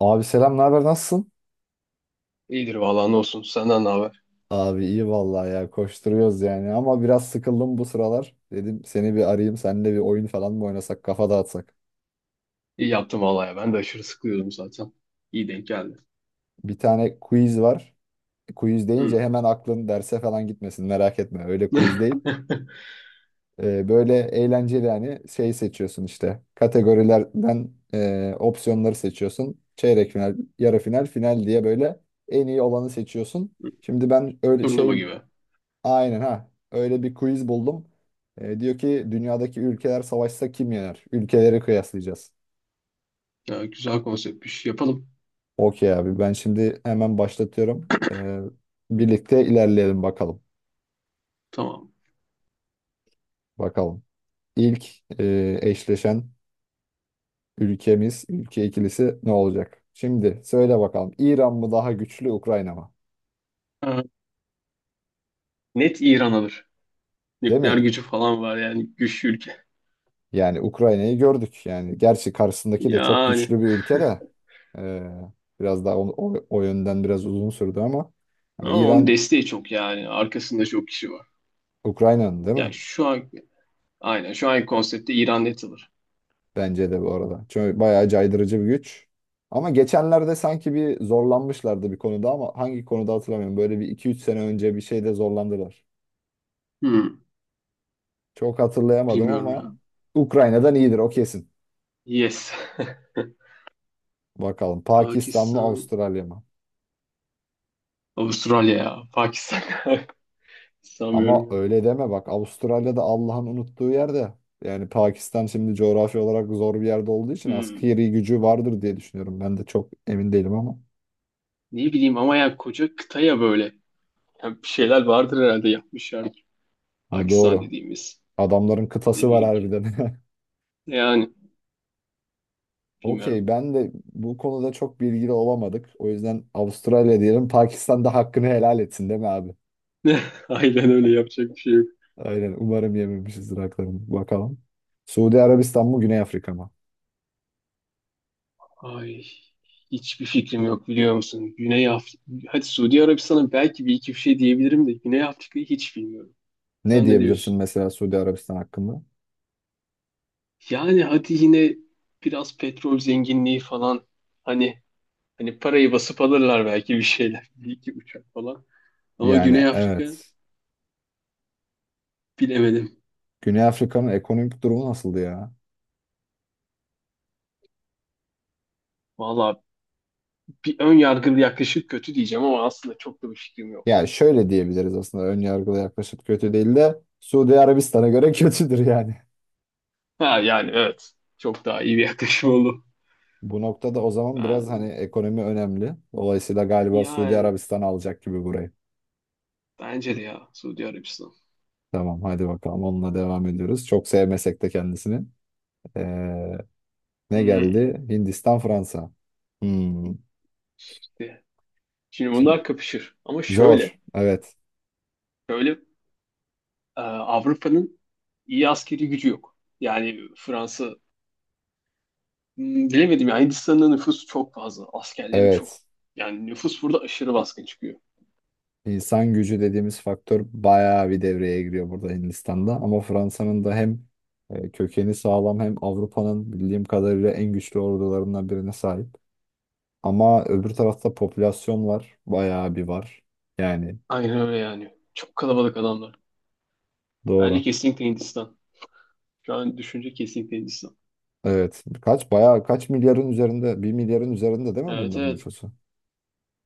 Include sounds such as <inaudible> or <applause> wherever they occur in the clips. Abi selam, ne haber, nasılsın? İyidir vallahi ne olsun. Senden ne haber? Abi iyi vallahi ya koşturuyoruz yani ama biraz sıkıldım bu sıralar. Dedim seni bir arayayım seninle bir oyun falan mı oynasak kafa dağıtsak. İyi yaptın vallahi ya. Ben de aşırı sıkılıyordum zaten. İyi denk geldi. Bir tane quiz var. Quiz Hmm. deyince hemen aklın derse falan gitmesin, merak etme, öyle quiz <laughs> değil. Böyle eğlenceli, yani şey seçiyorsun işte kategorilerden, opsiyonları seçiyorsun. Çeyrek final, yarı final, final diye böyle en iyi olanı seçiyorsun. Şimdi ben öyle Turnuva şey. gibi. Aynen ha. Öyle bir quiz buldum. Diyor ki dünyadaki ülkeler savaşsa kim yener? Ülkeleri kıyaslayacağız. Ya, güzel konseptmiş. Yapalım. Okey abi, ben şimdi hemen başlatıyorum. Birlikte ilerleyelim bakalım. Tamam. Bakalım. İlk eşleşen ülke ikilisi ne olacak? Şimdi söyle bakalım. İran mı daha güçlü, Ukrayna mı? Ha, net İran alır. Değil mi? Nükleer gücü falan var yani. Güçlü ülke. Yani Ukrayna'yı gördük. Yani gerçi karşısındaki de çok Yani. güçlü bir ülke de. e, biraz daha o yönden biraz uzun sürdü ama. Hani Ama onun İran desteği çok yani. Arkasında çok kişi var. Ukrayna'nın değil Yani mi? şu an aynen şu anki konseptte İran net alır. Bence de bu arada. Çünkü bayağı caydırıcı bir güç. Ama geçenlerde sanki bir zorlanmışlardı bir konuda, ama hangi konuda hatırlamıyorum. Böyle bir iki üç sene önce bir şeyde zorlandılar. Hmm. Çok hatırlayamadım Bilmiyorum ama ya. Ukrayna'dan iyidir o kesin. Yes. Bakalım, <laughs> Pakistan mı Pakistan. Avustralya mı? Avustralya ya. Pakistan. <laughs> Sanmıyorum Ama ya. öyle deme bak, Avustralya'da Allah'ın unuttuğu yerde. Yani Pakistan şimdi coğrafi olarak zor bir yerde olduğu için Hmm. askeri gücü vardır diye düşünüyorum. Ben de çok emin değilim ama. Ne bileyim ama yani koca kıta ya böyle. Yani bir şeyler vardır herhalde yapmışlardır. Ha, Pakistan doğru. dediğimiz Adamların böyle kıtası var bir ülke. harbiden. <laughs> Yani bilmiyorum. Okey, ben de bu konuda çok bilgili olamadık. O yüzden Avustralya diyelim. Pakistan da hakkını helal etsin, değil mi abi? <laughs> Aynen öyle, yapacak bir şey yok. Aynen. Umarım yememişizdir haklarını. Bakalım. Suudi Arabistan mı Güney Afrika mı? Ay, hiçbir fikrim yok biliyor musun? Güney Afrika, hadi Suudi Arabistan'a belki bir iki bir şey diyebilirim de Güney Afrika'yı hiç bilmiyorum. Ne Sen ne diyebilirsin diyorsun? mesela Suudi Arabistan hakkında? Yani hadi yine biraz petrol zenginliği falan hani hani parayı basıp alırlar belki bir şeyler. <laughs> Bir iki uçak falan. Ama Yani Güney Afrika evet. bilemedim. Güney Afrika'nın ekonomik durumu nasıldı ya? Vallahi bir ön yargılı yaklaşım kötü diyeceğim ama aslında çok da bir fikrim yok. Yani şöyle diyebiliriz aslında, ön yargılı yaklaşıp kötü değil de Suudi Arabistan'a göre <laughs> kötüdür yani. Ha yani evet. Çok daha iyi bir <laughs> yaklaşım oldu. Bu noktada o zaman biraz Ben, hani ekonomi önemli. Dolayısıyla galiba Suudi yani Arabistan alacak gibi burayı. bence de ya Suudi Arabistan. Tamam, hadi bakalım onunla devam ediyoruz. Çok sevmesek de kendisini. Ee, ne Hmm, geldi? Hindistan, Fransa. Hmm. işte. Şimdi Şimdi, bunlar kapışır. Ama şöyle. zor. Evet. Şöyle, Avrupa'nın iyi askeri gücü yok. Yani Fransa, bilemedim ya, Hindistan'ın nüfusu çok fazla. Askerleri çok. Evet. Yani nüfus burada aşırı baskın çıkıyor. İnsan gücü dediğimiz faktör bayağı bir devreye giriyor burada, Hindistan'da. Ama Fransa'nın da hem kökeni sağlam, hem Avrupa'nın bildiğim kadarıyla en güçlü ordularından birine sahip. Ama öbür tarafta popülasyon var. Bayağı bir var. Yani Aynen öyle yani. Çok kalabalık adamlar. Bence doğru. kesinlikle Hindistan. Şu an düşünce kesinlikle Hindistan. Evet. Kaç, bayağı, kaç milyarın üzerinde, bir milyarın üzerinde değil mi Evet, bunların evet. nüfusu?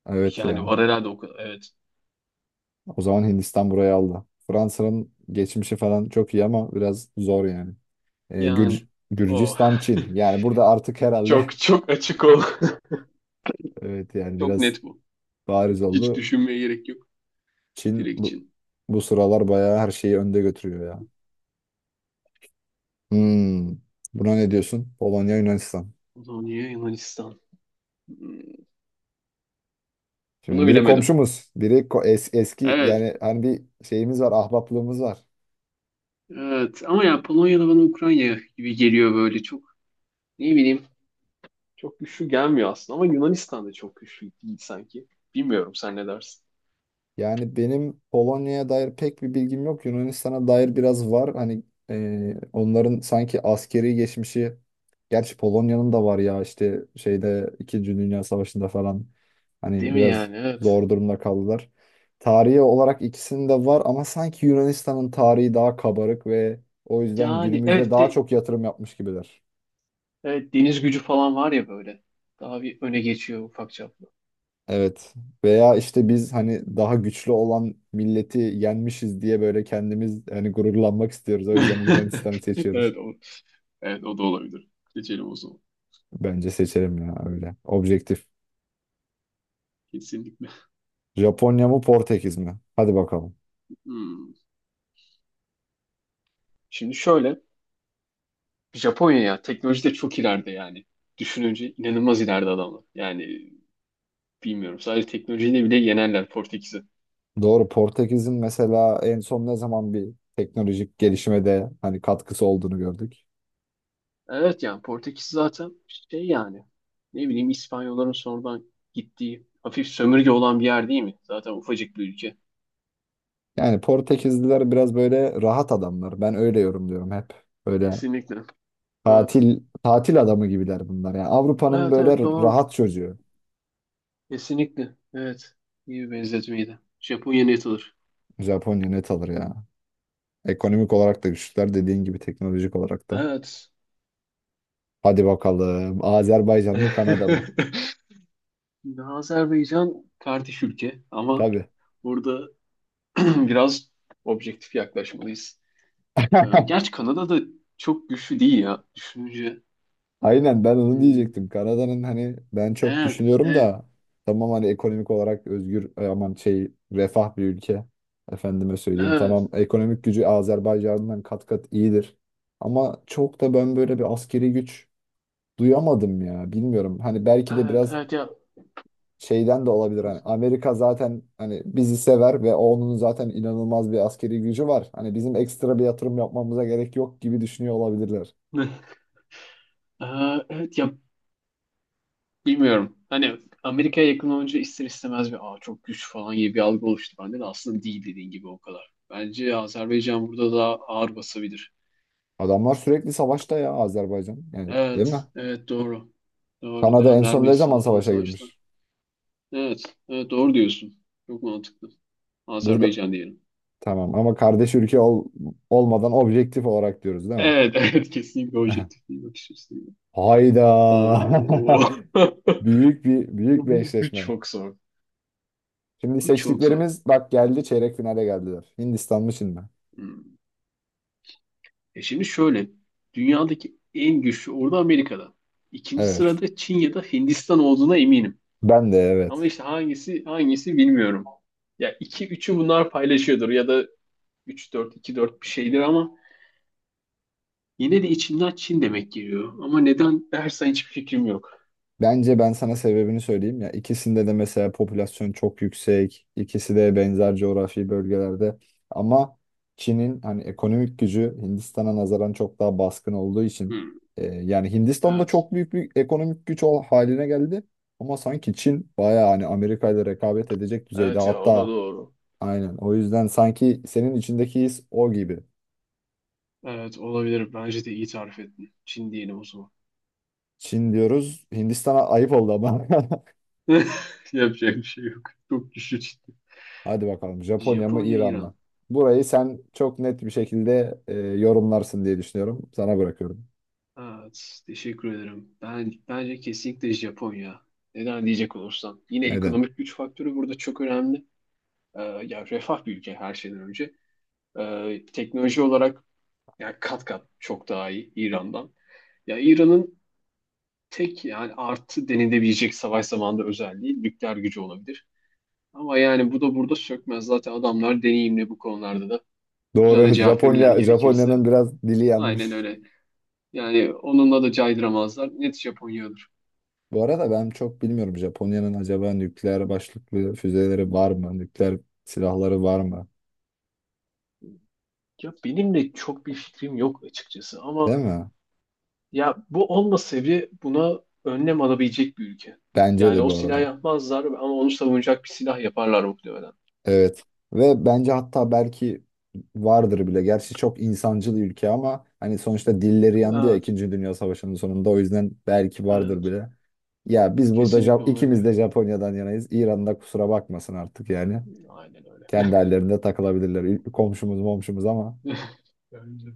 Evet Yani var ya. herhalde o kadar. Evet. O zaman Hindistan burayı aldı. Fransa'nın geçmişi falan çok iyi ama biraz zor yani. Yani o Gürcistan, Çin. Yani burada artık <laughs> herhalde çok çok açık ol. <laughs> <laughs> evet, yani Çok biraz net bu. bariz Hiç oldu. düşünmeye gerek yok. Çin Direkt bu, Çin. bu sıralar bayağı her şeyi önde götürüyor ya. Hmm. Buna ne diyorsun? Polonya, Yunanistan. Polonya, Yunanistan. Hmm. Şimdi Bunu biri bilemedim. komşumuz, biri eski, Evet. yani hani bir şeyimiz var, ahbaplığımız var. Evet. Ama ya, Polonya'da bana Ukrayna gibi geliyor böyle. Çok, ne bileyim. Çok güçlü gelmiyor aslında ama Yunanistan da çok güçlü değil sanki. Bilmiyorum, sen ne dersin? Yani benim Polonya'ya dair pek bir bilgim yok. Yunanistan'a dair biraz var. Hani onların sanki askeri geçmişi, gerçi Polonya'nın da var ya işte şeyde, İkinci Dünya Savaşı'nda falan Değil hani mi biraz yani? Evet. zor durumda kaldılar. Tarihi olarak ikisinin de var ama sanki Yunanistan'ın tarihi daha kabarık ve o yüzden Yani günümüzde evet, bir daha de çok yatırım yapmış gibiler. evet, deniz gücü falan var ya böyle. Daha bir öne geçiyor ufak çaplı. Evet. Veya işte biz hani daha güçlü olan milleti yenmişiz diye böyle kendimiz hani gururlanmak istiyoruz. O yüzden Yunanistanı <laughs> seçiyoruz. Evet o. Evet, o da olabilir. Seçelim o. Bence seçelim ya öyle. Objektif. Kesinlikle. Japonya mı Portekiz mi? Hadi bakalım. Hmm. Şimdi şöyle. Japonya ya teknolojide çok ileride yani. Düşününce inanılmaz ileride adamlar. Yani bilmiyorum. Sadece teknolojiyle bile yenerler Portekiz'i. Doğru, Portekiz'in mesela en son ne zaman bir teknolojik gelişime de hani katkısı olduğunu gördük. Evet yani, Portekiz zaten şey yani. Ne bileyim, İspanyolların sonradan gittiği hafif sömürge olan bir yer değil mi? Zaten ufacık bir ülke. Yani Portekizliler biraz böyle rahat adamlar. Ben öyle yorumluyorum hep. Böyle Kesinlikle. Evet. tatil tatil adamı gibiler bunlar. Yani Avrupa'nın Evet, böyle evet, doğru. rahat çocuğu. Kesinlikle. Evet. İyi bir benzetmeydi. Japonya net olur. Japonya net alır ya. Ekonomik olarak da güçlüler, dediğin gibi teknolojik olarak da. Evet. Hadi bakalım. Azerbaycan mı Kanada mı? <laughs> Şimdi Azerbaycan kardeş ülke ama Tabii. burada <clears throat> biraz objektif yaklaşmalıyız. <laughs> Gerçi Kanada da çok güçlü değil ya düşününce. Aynen, ben onu Hmm, diyecektim. Kanada'nın hani ben çok evet, düşünüyorum evet, da, tamam hani ekonomik olarak özgür, e, aman şey refah bir ülke. Efendime söyleyeyim. evet, Tamam, ekonomik gücü Azerbaycan'dan kat kat iyidir. Ama çok da ben böyle bir askeri güç duyamadım ya. Bilmiyorum. Hani belki de evet, biraz evet ya. şeyden de olabilir, hani Amerika zaten hani bizi sever ve onun zaten inanılmaz bir askeri gücü var. Hani bizim ekstra bir yatırım yapmamıza gerek yok gibi düşünüyor olabilirler. <laughs> Ee, evet ya, bilmiyorum. Hani Amerika'ya yakın olunca ister istemez bir, aa, çok güç falan gibi bir algı oluştu bende de, aslında değil dediğin gibi o kadar. Bence Azerbaycan burada daha ağır basabilir. Adamlar sürekli savaşta ya, Azerbaycan. Yani değil Evet, mi? evet, doğru. Doğru. Kanada en Devamlı son ne zaman Ermenistan'a falan savaşa savaştı. girmiş? Evet, evet, doğru diyorsun. Çok mantıklı. Burada Azerbaycan diyelim. tamam, ama kardeş ülke olmadan objektif olarak diyoruz değil mi? Evet, <laughs> evet, kesinlikle <laughs> objektif bir bakış açısıyla. Hayda. Oo. <laughs> <laughs> Büyük bir Bu eşleşme. çok zor. Şimdi Bu çok zor. seçtiklerimiz bak geldi, çeyrek finale geldiler. Hindistan mı Çin mi? Hmm. Şimdi şöyle. Dünyadaki en güçlü ordu Amerika'da. İkinci Evet. sırada Çin ya da Hindistan olduğuna eminim. Ben de evet. Ama işte hangisi hangisi bilmiyorum. Ya iki üçü bunlar paylaşıyordur ya da üç dört iki dört bir şeydir ama yine de içimden Çin demek geliyor. Ama neden dersen hiçbir fikrim yok. Bence ben sana sebebini söyleyeyim. Ya ikisinde de mesela popülasyon çok yüksek, ikisi de benzer coğrafi bölgelerde. Ama Çin'in hani ekonomik gücü Hindistan'a nazaran çok daha baskın olduğu için Hmm, yani Hindistan'da evet. çok büyük bir ekonomik güç haline geldi. Ama sanki Çin bayağı hani Amerika ile rekabet edecek düzeyde. Evet ya, o da Hatta doğru. aynen, o yüzden sanki senin içindeki his o gibi. Evet, olabilir. Bence de iyi tarif ettin. Çin diyelim o zaman. Çin diyoruz. Hindistan'a ayıp oldu ama. <laughs> <laughs> Yapacak bir şey yok. Çok güçlü Çin. Hadi bakalım, Japonya mı Japonya, İran mı? İran. Burayı sen çok net bir şekilde yorumlarsın diye düşünüyorum. Sana bırakıyorum. Evet, teşekkür ederim. Bence kesinlikle Japonya. Neden diyecek olursam, yine Neden? ekonomik güç faktörü burada çok önemli. Ee, ya refah bir ülke her şeyden önce. Teknoloji olarak ya kat kat çok daha iyi İran'dan. Ya İran'ın tek yani artı denilebilecek savaş zamanında özelliği nükleer gücü olabilir. Ama yani bu da burada sökmez. Zaten adamlar deneyimli bu konularda da. Güzel de Doğru. <laughs> cevap verirler Japonya gerekirse. Japonya'nın biraz dili Aynen yanmış. öyle. Yani onunla da caydıramazlar. Net Japonya olur. Bu arada ben çok bilmiyorum, Japonya'nın acaba nükleer başlıklı füzeleri var mı? Nükleer silahları var mı? Ya benim de çok bir fikrim yok açıkçası Değil ama mi? ya bu olmasa bile buna önlem alabilecek bir ülke. Bence Yani de o bu silah arada. yapmazlar ama onu savunacak bir silah yaparlar muhtemelen. Evet. Ve bence hatta belki vardır bile. Gerçi çok insancıl ülke ama hani sonuçta dilleri yandı ya Evet, İkinci Dünya Savaşı'nın sonunda, o yüzden belki vardır evet. bile. Ya biz burada Kesinlikle ikimiz olabilir. de Japonya'dan yanayız. İran'da kusura bakmasın artık yani. Aynen öyle. Kendi hallerinde takılabilirler. Komşumuz momşumuz ama <laughs> Bence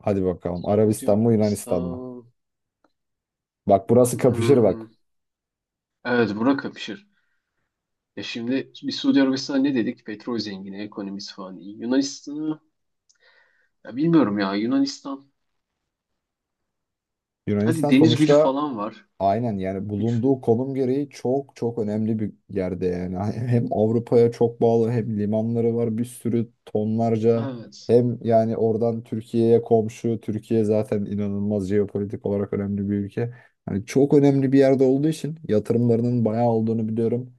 hadi bakalım. Suudi Arabistan mı Yunanistan mı? Arabistan. Bak burası kapışır Hmm. bak. Evet, bura kapışır. Şimdi bir Suudi Arabistan'a ne dedik? Petrol zengini, ekonomisi falan iyi. Yunanistan'ı, ya bilmiyorum ya, Yunanistan. Hadi Yunanistan deniz gücü sonuçta, falan var. aynen, yani bulunduğu Güçlü. konum gereği çok çok önemli bir yerde yani. Hem Avrupa'ya çok bağlı, hem limanları var bir sürü, tonlarca, Evet. hem yani oradan Türkiye'ye komşu. Türkiye zaten inanılmaz jeopolitik olarak önemli bir ülke. Hani çok önemli bir yerde olduğu için yatırımlarının bayağı olduğunu biliyorum.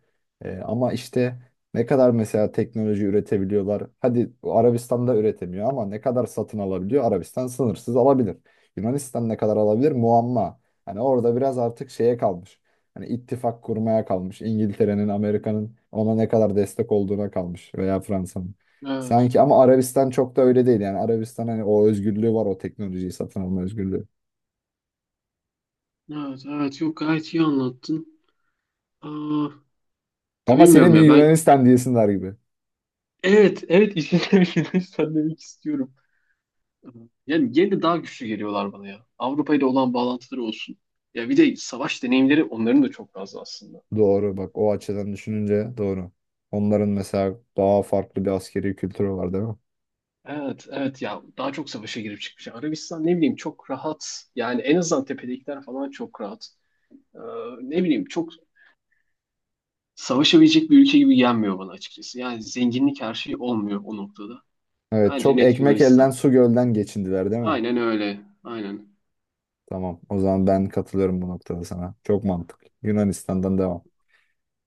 Ama işte ne kadar mesela teknoloji üretebiliyorlar? Hadi Arabistan'da üretemiyor, ama ne kadar satın alabiliyor? Arabistan sınırsız alabilir. Yunanistan ne kadar alabilir? Muamma. Hani orada biraz artık şeye kalmış. Hani ittifak kurmaya kalmış. İngiltere'nin, Amerika'nın ona ne kadar destek olduğuna kalmış, veya Fransa'nın. Evet. Sanki ama Arabistan çok da öyle değil yani. Arabistan hani o özgürlüğü var, o teknolojiyi satın alma özgürlüğü. Evet. Evet. Yok, gayet iyi anlattın. Aa, ya Ama senin bilmiyorum bir ya ben, Yunanistan diyesinler gibi. evet evet işine <laughs> Yunanistan demek istiyorum. Yani yine de daha güçlü geliyorlar bana ya. Avrupa ile olan bağlantıları olsun. Ya bir de savaş deneyimleri onların da çok fazla aslında. Doğru, bak o açıdan düşününce doğru. Onların mesela daha farklı bir askeri kültürü var değil mi? Evet, evet ya, daha çok savaşa girip çıkmış. Arabistan, ne bileyim, çok rahat. Yani en azından tepedekiler falan çok rahat. Ee, ne bileyim, çok savaşabilecek bir ülke gibi gelmiyor bana açıkçası. Yani zenginlik her şey olmuyor o noktada. Evet, Bence çok net ekmek elden Yunanistan. su gölden geçindiler değil mi? Aynen öyle. Aynen. Tamam, o zaman ben katılıyorum bu noktada sana. Çok mantıklı. Yunanistan'dan devam.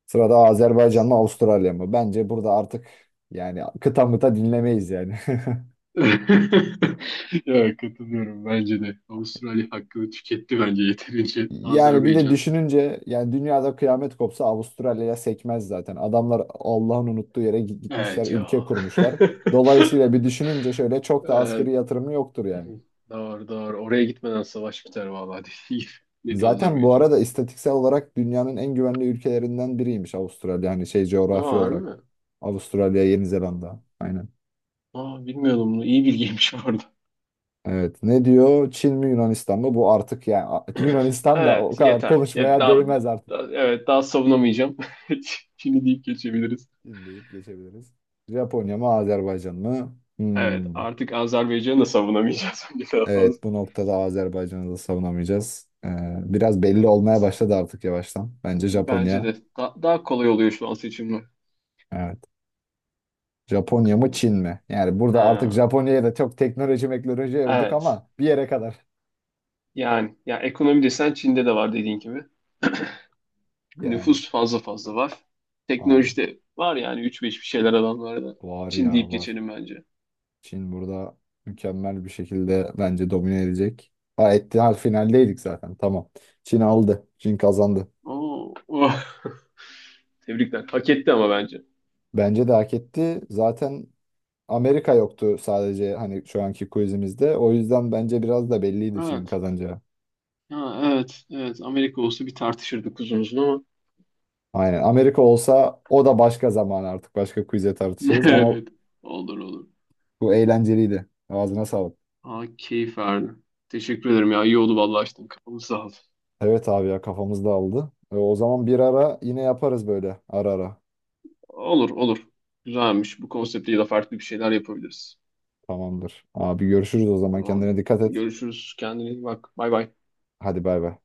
Sırada Azerbaycan mı Avustralya mı? Bence burada artık yani kıta mıta dinlemeyiz yani. <laughs> <laughs> Ya, katılıyorum bence de. Avustralya hakkını tüketti bence yeterince. Yani bir de Azerbaycan. düşününce, yani dünyada kıyamet kopsa Avustralya'ya sekmez zaten. Adamlar Allah'ın unuttuğu yere gitmişler, Evet ya. <laughs> ülke kurmuşlar. Dolayısıyla bir düşününce şöyle, çok da Evet, askeri yatırımı yoktur yani. doğru doğru. Oraya gitmeden savaş biter vallahi, değil. <laughs> Net Zaten bu Azerbaycan. arada istatistiksel olarak dünyanın en güvenli ülkelerinden biriymiş Avustralya. Hani şey, Aa, coğrafi harbi olarak mi? Avustralya, Yeni Zelanda. Aynen. Aa, bilmiyordum bunu. İyi bilgiymiş bu arada. <laughs> Evet. Ne diyor? Çin mi Yunanistan mı? Bu artık yani <clears throat> Yunanistan da o Evet, kadar yeter. Ya, konuşmaya değmez artık. Evet, daha savunamayacağım. <laughs> Çin'i deyip geçebiliriz. Çin deyip geçebiliriz. Japonya mı Azerbaycan mı? Evet, Hmm. artık Azerbaycan'ı da savunamayacağız <laughs> bence daha fazla. Evet, bu noktada Azerbaycan'ı da savunamayacağız. Biraz belli olmaya Evet. başladı artık yavaştan. Bence Bence Japonya. de daha kolay oluyor şu an seçimler. Evet. Japonya mı Bakalım. Çin mi? Yani burada artık Ha, Japonya'ya da çok teknoloji meknoloji övdük evet. ama bir yere kadar. Yani ya ekonomi desen Çin'de de var dediğin gibi. <laughs> <clears throat> Yani Nüfus fazla fazla var. aynen. Teknolojide var yani, üç beş bir şeyler adamlarda. Var Çin ya deyip var. geçelim bence. Çin burada mükemmel bir şekilde bence domine edecek. Ha etti, hal finaldeydik zaten. Tamam. Çin aldı. Çin kazandı. Oo, oh. <laughs> Tebrikler. Hak etti ama bence. Bence de hak etti. Zaten Amerika yoktu sadece hani şu anki quizimizde. O yüzden bence biraz da belliydi Çin'in Evet. kazanacağı. Ha, evet. Evet. Amerika olsa bir tartışırdık uzun uzun ama. <laughs> Aynen. Amerika olsa o da başka zaman, artık başka quiz'e tartışırız ama Evet. Olur olur. bu eğlenceliydi. Ağzına sağlık. Aa, keyif verdi. Teşekkür ederim ya. İyi oldu vallahi, açtın kafamı, sağ ol. Evet abi ya, kafamız dağıldı. O zaman bir ara yine yaparız böyle ara ara. Olur olur. Güzelmiş. Bu konseptle de farklı bir şeyler yapabiliriz. Tamamdır. Abi görüşürüz o zaman. Tamam. Kendine dikkat et. Görüşürüz. Kendine iyi bak. Bay bay. Hadi bay bay.